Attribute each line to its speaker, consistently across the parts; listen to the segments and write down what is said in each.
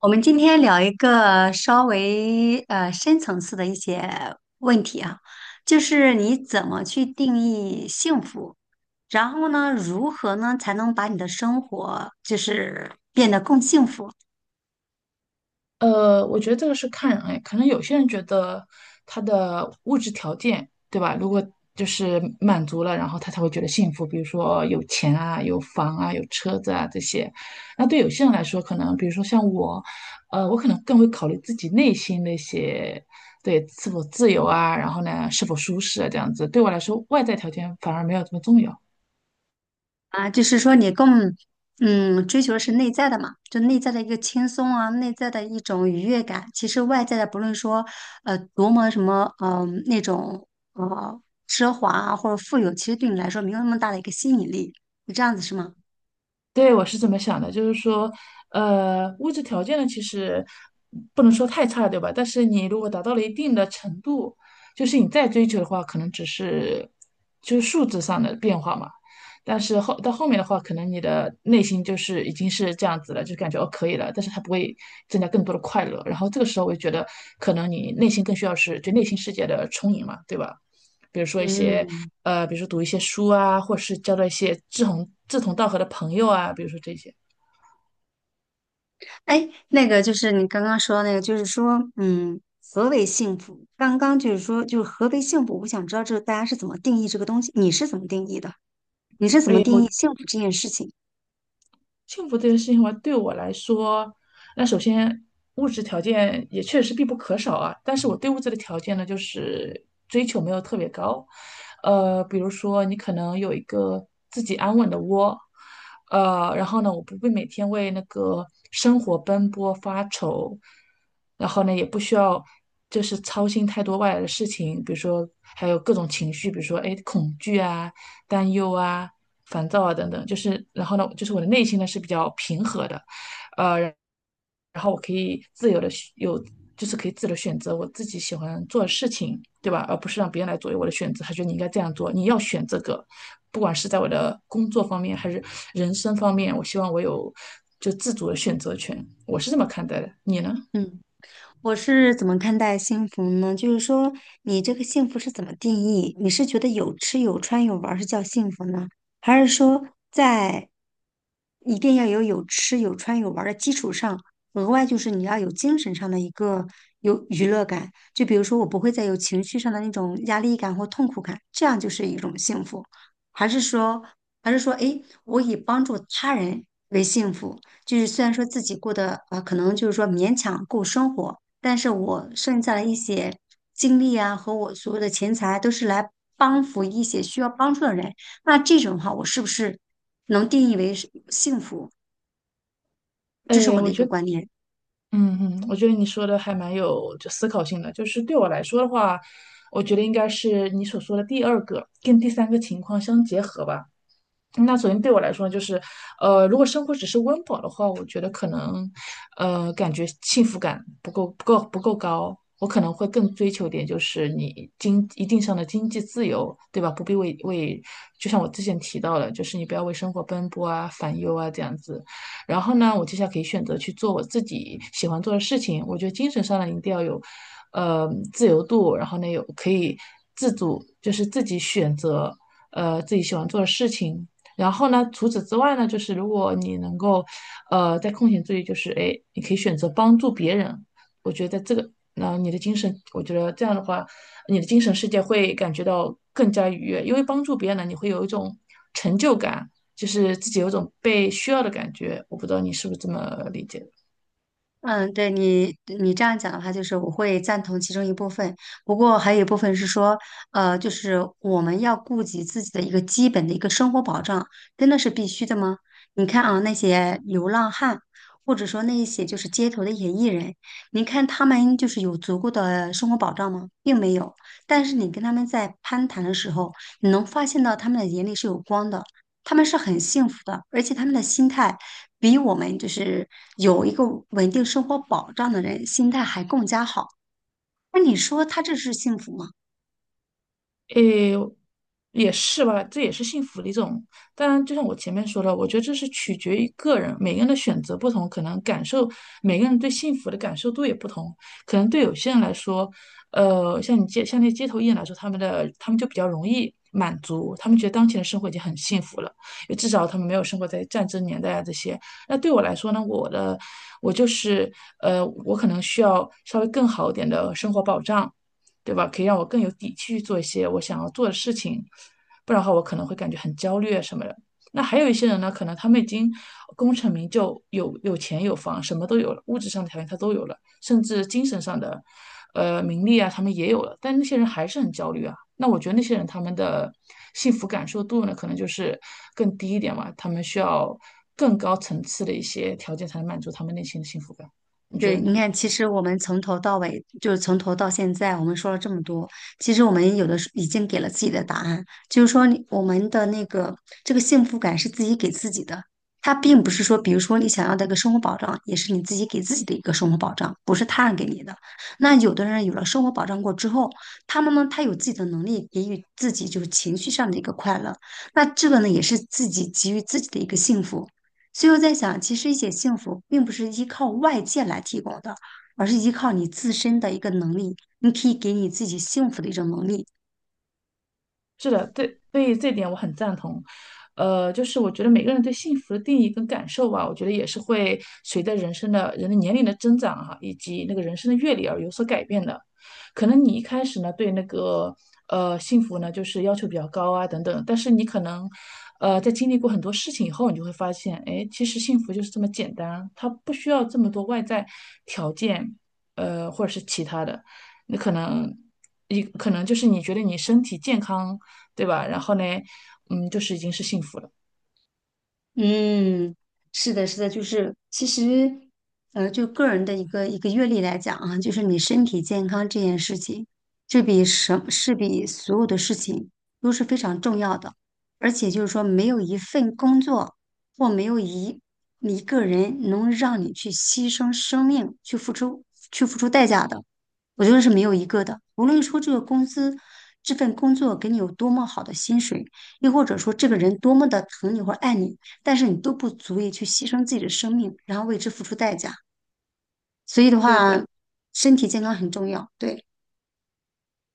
Speaker 1: 我们今天聊一个稍微深层次的一些问题啊，就是你怎么去定义幸福，然后呢，如何呢才能把你的生活就是变得更幸福？
Speaker 2: 我觉得这个是看人哎，可能有些人觉得他的物质条件，对吧？如果就是满足了，然后他才会觉得幸福，比如说有钱啊、有房啊、有车子啊这些。那对有些人来说，可能比如说像我，我可能更会考虑自己内心那些，对，是否自由啊，然后呢，是否舒适啊这样子。对我来说，外在条件反而没有这么重要。
Speaker 1: 啊，就是说你更追求的是内在的嘛，就内在的一个轻松啊，内在的一种愉悦感。其实外在的，不论说多么什么那种呃奢华啊或者富有，其实对你来说没有那么大的一个吸引力。是这样子是吗？
Speaker 2: 对，我是这么想的，就是说，物质条件呢，其实不能说太差，对吧？但是你如果达到了一定的程度，就是你再追求的话，可能只是就是数字上的变化嘛。但是到后面的话，可能你的内心就是已经是这样子了，就感觉哦可以了，但是它不会增加更多的快乐。然后这个时候，我就觉得可能你内心更需要是对内心世界的充盈嘛，对吧？比如说一些
Speaker 1: 嗯。
Speaker 2: 比如说读一些书啊，或者是交到一些志同道合的朋友啊，比如说这些。
Speaker 1: 哎，那个就是你刚刚说的那个，就是说何为幸福？刚刚就是何为幸福？我想知道这大家是怎么定义这个东西，你是怎么定义的？你是怎么定义幸福这件事情？
Speaker 2: 幸福这件事情话，对我来说，那首先物质条件也确实必不可少啊。但是我对物质的条件呢，就是追求没有特别高。比如说你可能有一个自己安稳的窝，然后呢，我不会每天为那个生活奔波发愁，然后呢，也不需要就是操心太多外来的事情，比如说还有各种情绪，比如说哎恐惧啊。担忧啊、烦躁啊等等，就是然后呢，就是我的内心呢是比较平和的，呃，然后我可以自由的有，就是可以自由的选择我自己喜欢做的事情，对吧？而不是让别人来左右我的选择。他觉得你应该这样做，你要选这个，不管是在我的工作方面还是人生方面，我希望我有就自主的选择权。我是这么看待的，你呢？
Speaker 1: 嗯。我是怎么看待幸福呢？就是说，你这个幸福是怎么定义？你是觉得有吃有穿有玩儿是叫幸福呢，还是说在一定要有有吃有穿有玩儿的基础上，额外就是你要有精神上的一个有娱乐感？就比如说，我不会再有情绪上的那种压力感或痛苦感，这样就是一种幸福，还是说，还是说，诶，我以帮助他人为幸福？就是虽然说自己过得啊，可能就是说勉强够生活，但是我剩下的一些精力啊和我所有的钱财都是来帮扶一些需要帮助的人，那这种的话，我是不是能定义为是幸福？这是
Speaker 2: 哎，
Speaker 1: 我的
Speaker 2: 我
Speaker 1: 一
Speaker 2: 觉
Speaker 1: 个
Speaker 2: 得
Speaker 1: 观念。
Speaker 2: 嗯嗯，我觉得你说的还蛮有就思考性的。就是对我来说的话，我觉得应该是你所说的第二个跟第三个情况相结合吧。那首先对我来说呢就是，如果生活只是温饱的话，我觉得可能，感觉幸福感不够高。我可能会更追求点，就是你经一定上的经济自由，对吧？不必为，就像我之前提到的，就是你不要为生活奔波啊、烦忧啊这样子。然后呢，我接下来可以选择去做我自己喜欢做的事情。我觉得精神上呢，一定要有，自由度，然后呢，有可以自主，就是自己选择，自己喜欢做的事情。然后呢，除此之外呢，就是如果你能够，在空闲之余，就是哎，你可以选择帮助别人。我觉得这个，你的精神，我觉得这样的话，你的精神世界会感觉到更加愉悦，因为帮助别人呢，你会有一种成就感，就是自己有一种被需要的感觉。我不知道你是不是这么理解的。
Speaker 1: 嗯，对你这样讲的话，就是我会赞同其中一部分，不过还有一部分是说，就是我们要顾及自己的一个基本的一个生活保障，真的是必须的吗？你看啊，那些流浪汉，或者说那一些就是街头的演艺人，你看他们就是有足够的生活保障吗？并没有。但是你跟他们在攀谈的时候，你能发现到他们的眼里是有光的，他们是很幸福的，而且他们的心态，比我们就是有一个稳定生活保障的人心态还更加好。那你说他这是幸福吗？
Speaker 2: 诶，也是吧，这也是幸福的一种。当然，就像我前面说的，我觉得这是取决于个人，每个人的选择不同，可能感受，每个人对幸福的感受度也不同。可能对有些人来说，像那些街头艺人来说，他们就比较容易满足，他们觉得当前的生活已经很幸福了，也至少他们没有生活在战争年代啊这些。那对我来说呢，我就是我可能需要稍微更好一点的生活保障。对吧？可以让我更有底气去做一些我想要做的事情，不然的话我可能会感觉很焦虑啊什么的。那还有一些人呢，可能他们已经功成名就，有钱有房，什么都有了，物质上的条件他都有了，甚至精神上的，名利啊，他们也有了，但那些人还是很焦虑啊。那我觉得那些人他们的幸福感受度呢，可能就是更低一点嘛，他们需要更高层次的一些条件才能满足他们内心的幸福感。你觉
Speaker 1: 对，
Speaker 2: 得
Speaker 1: 你
Speaker 2: 呢？
Speaker 1: 看，其实我们从头到尾，就是从头到现在，我们说了这么多，其实我们有的时候已经给了自己的答案，就是说你我们的那个这个幸福感是自己给自己的，它并不是说，比如说你想要的一个生活保障，也是你自己给自己的一个生活保障，不是他人给你的。那有的人有了生活保障过之后，他们呢，他有自己的能力给予自己就是情绪上的一个快乐，那这个呢，也是自己给予自己的一个幸福。所以我在想，其实一些幸福并不是依靠外界来提供的，而是依靠你自身的一个能力，你可以给你自己幸福的一种能力。
Speaker 2: 是的，对，对于这点我很赞同。就是我觉得每个人对幸福的定义跟感受吧，我觉得也是会随着人的年龄的增长哈、以及那个人生的阅历而有所改变的。可能你一开始呢对那个幸福呢就是要求比较高啊等等，但是你可能在经历过很多事情以后，你就会发现，哎，其实幸福就是这么简单，它不需要这么多外在条件，或者是其他的。那可能你可能就是你觉得你身体健康对吧？然后呢，嗯，就是已经是幸福了。
Speaker 1: 嗯，是的，是的，就是其实，就个人的一个阅历来讲啊，就是你身体健康这件事情，这是比所有的事情都是非常重要的，而且就是说，没有一份工作或没有一个人能让你去牺牲生命去付出代价的，我觉得是没有一个的。无论说这个公司这份工作给你有多么好的薪水。又或者说这个人多么的疼你或者爱你，但是你都不足以去牺牲自己的生命，然后为之付出代价。所以的
Speaker 2: 对对，
Speaker 1: 话，身体健康很重要。对。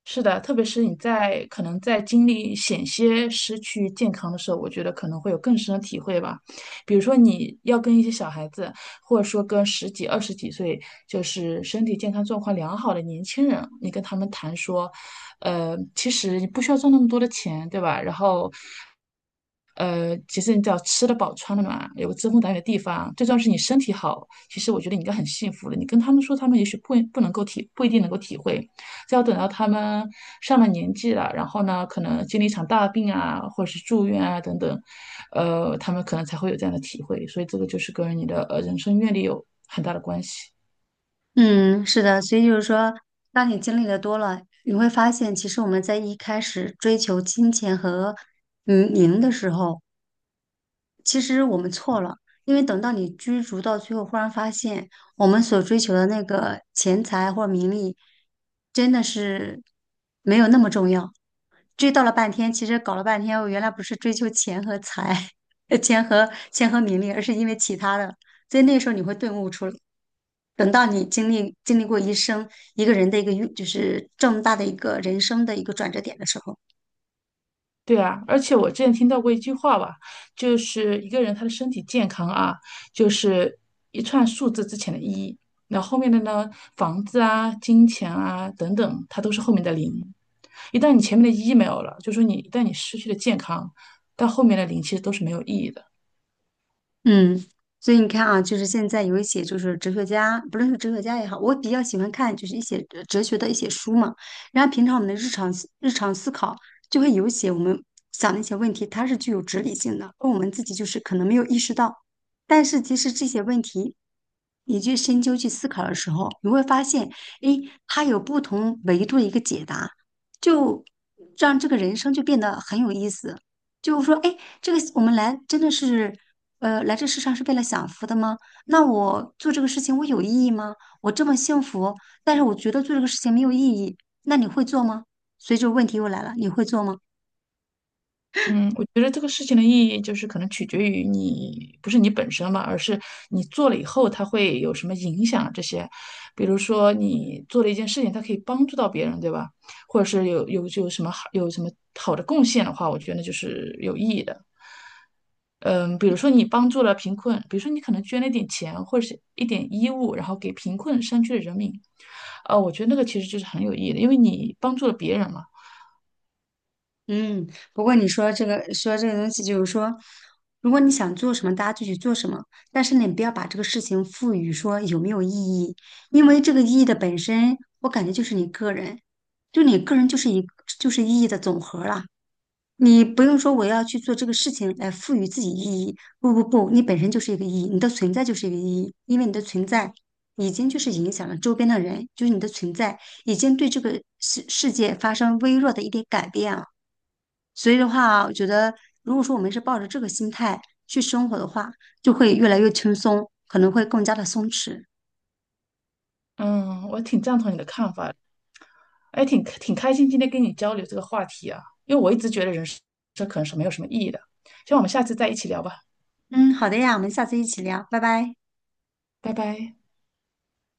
Speaker 2: 是的，特别是可能在经历险些失去健康的时候，我觉得可能会有更深的体会吧。比如说你要跟一些小孩子，或者说跟十几、二十几岁，就是身体健康状况良好的年轻人，你跟他们谈说，其实你不需要赚那么多的钱，对吧？然后其实你只要吃得饱、穿得暖，有个遮风挡雨的地方，最重要是你身体好。其实我觉得你应该很幸福的。你跟他们说，他们也许不一定能够体会。这要等到他们上了年纪了，然后呢，可能经历一场大病啊，或者是住院啊等等，他们可能才会有这样的体会。所以这个就是跟你的人生阅历有很大的关系。
Speaker 1: 嗯，是的。所以就是说，当你经历的多了，你会发现，其实我们在一开始追求金钱和名的时候，其实我们错了。因为等到你追逐到最后，忽然发现我们所追求的那个钱财或者名利，真的是没有那么重要。追到了半天，其实搞了半天，我原来不是追求钱和财，钱和名利，而是因为其他的。所以那时候你会顿悟出来。等到你经历过一生一个人的一个运，就是这么大的一个人生的一个转折点的时候。
Speaker 2: 对啊，而且我之前听到过一句话吧，就是一个人他的身体健康啊，就是一串数字之前的一，那后面的呢，房子啊、金钱啊等等，它都是后面的零。一旦你前面的一没有了，就说你一旦你失去了健康，到后面的零其实都是没有意义的。
Speaker 1: 嗯，所以你看啊，就是现在有一些就是哲学家，不论是哲学家也好，我比较喜欢看就是一些哲学的一些书嘛。然后平常我们的日常思考就会有一些我们想的一些问题，它是具有哲理性的，而我们自己就是可能没有意识到。但是其实这些问题，你去深究去思考的时候，你会发现，诶，它有不同维度的一个解答，就让这个人生就变得很有意思。就是说，哎，这个我们来真的是，来这世上是为了享福的吗？那我做这个事情我有意义吗？我这么幸福，但是我觉得做这个事情没有意义，那你会做吗？所以这个问题又来了，你会做吗？
Speaker 2: 嗯，我觉得这个事情的意义就是可能取决于你，不是你本身嘛，而是你做了以后它会有什么影响啊这些。比如说你做了一件事情，它可以帮助到别人，对吧？或者是有什么好的贡献的话，我觉得就是有意义的。嗯，比如说你帮助了贫困，比如说你可能捐了一点钱或者是一点衣物，然后给贫困山区的人民，我觉得那个其实就是很有意义的，因为你帮助了别人嘛。
Speaker 1: 嗯，不过你说这个东西，就是说，如果你想做什么，大家就去做什么，但是你不要把这个事情赋予说有没有意义，因为这个意义的本身，我感觉就是你个人，就你个人就是一就是意义的总和了。你不用说我要去做这个事情来赋予自己意义，不不不，你本身就是一个意义，你的存在就是一个意义，因为你的存在已经就是影响了周边的人，就是你的存在已经对这个世界发生微弱的一点改变了。所以的话，我觉得如果说我们是抱着这个心态去生活的话，就会越来越轻松，可能会更加的松弛。
Speaker 2: 嗯，我挺赞同你的看法。哎，挺开心今天跟你交流这个话题啊，因为我一直觉得人生这可能是没有什么意义的。希望我们下次再一起聊吧，
Speaker 1: 嗯，好的呀，我们下次一起聊，拜拜。
Speaker 2: 拜拜。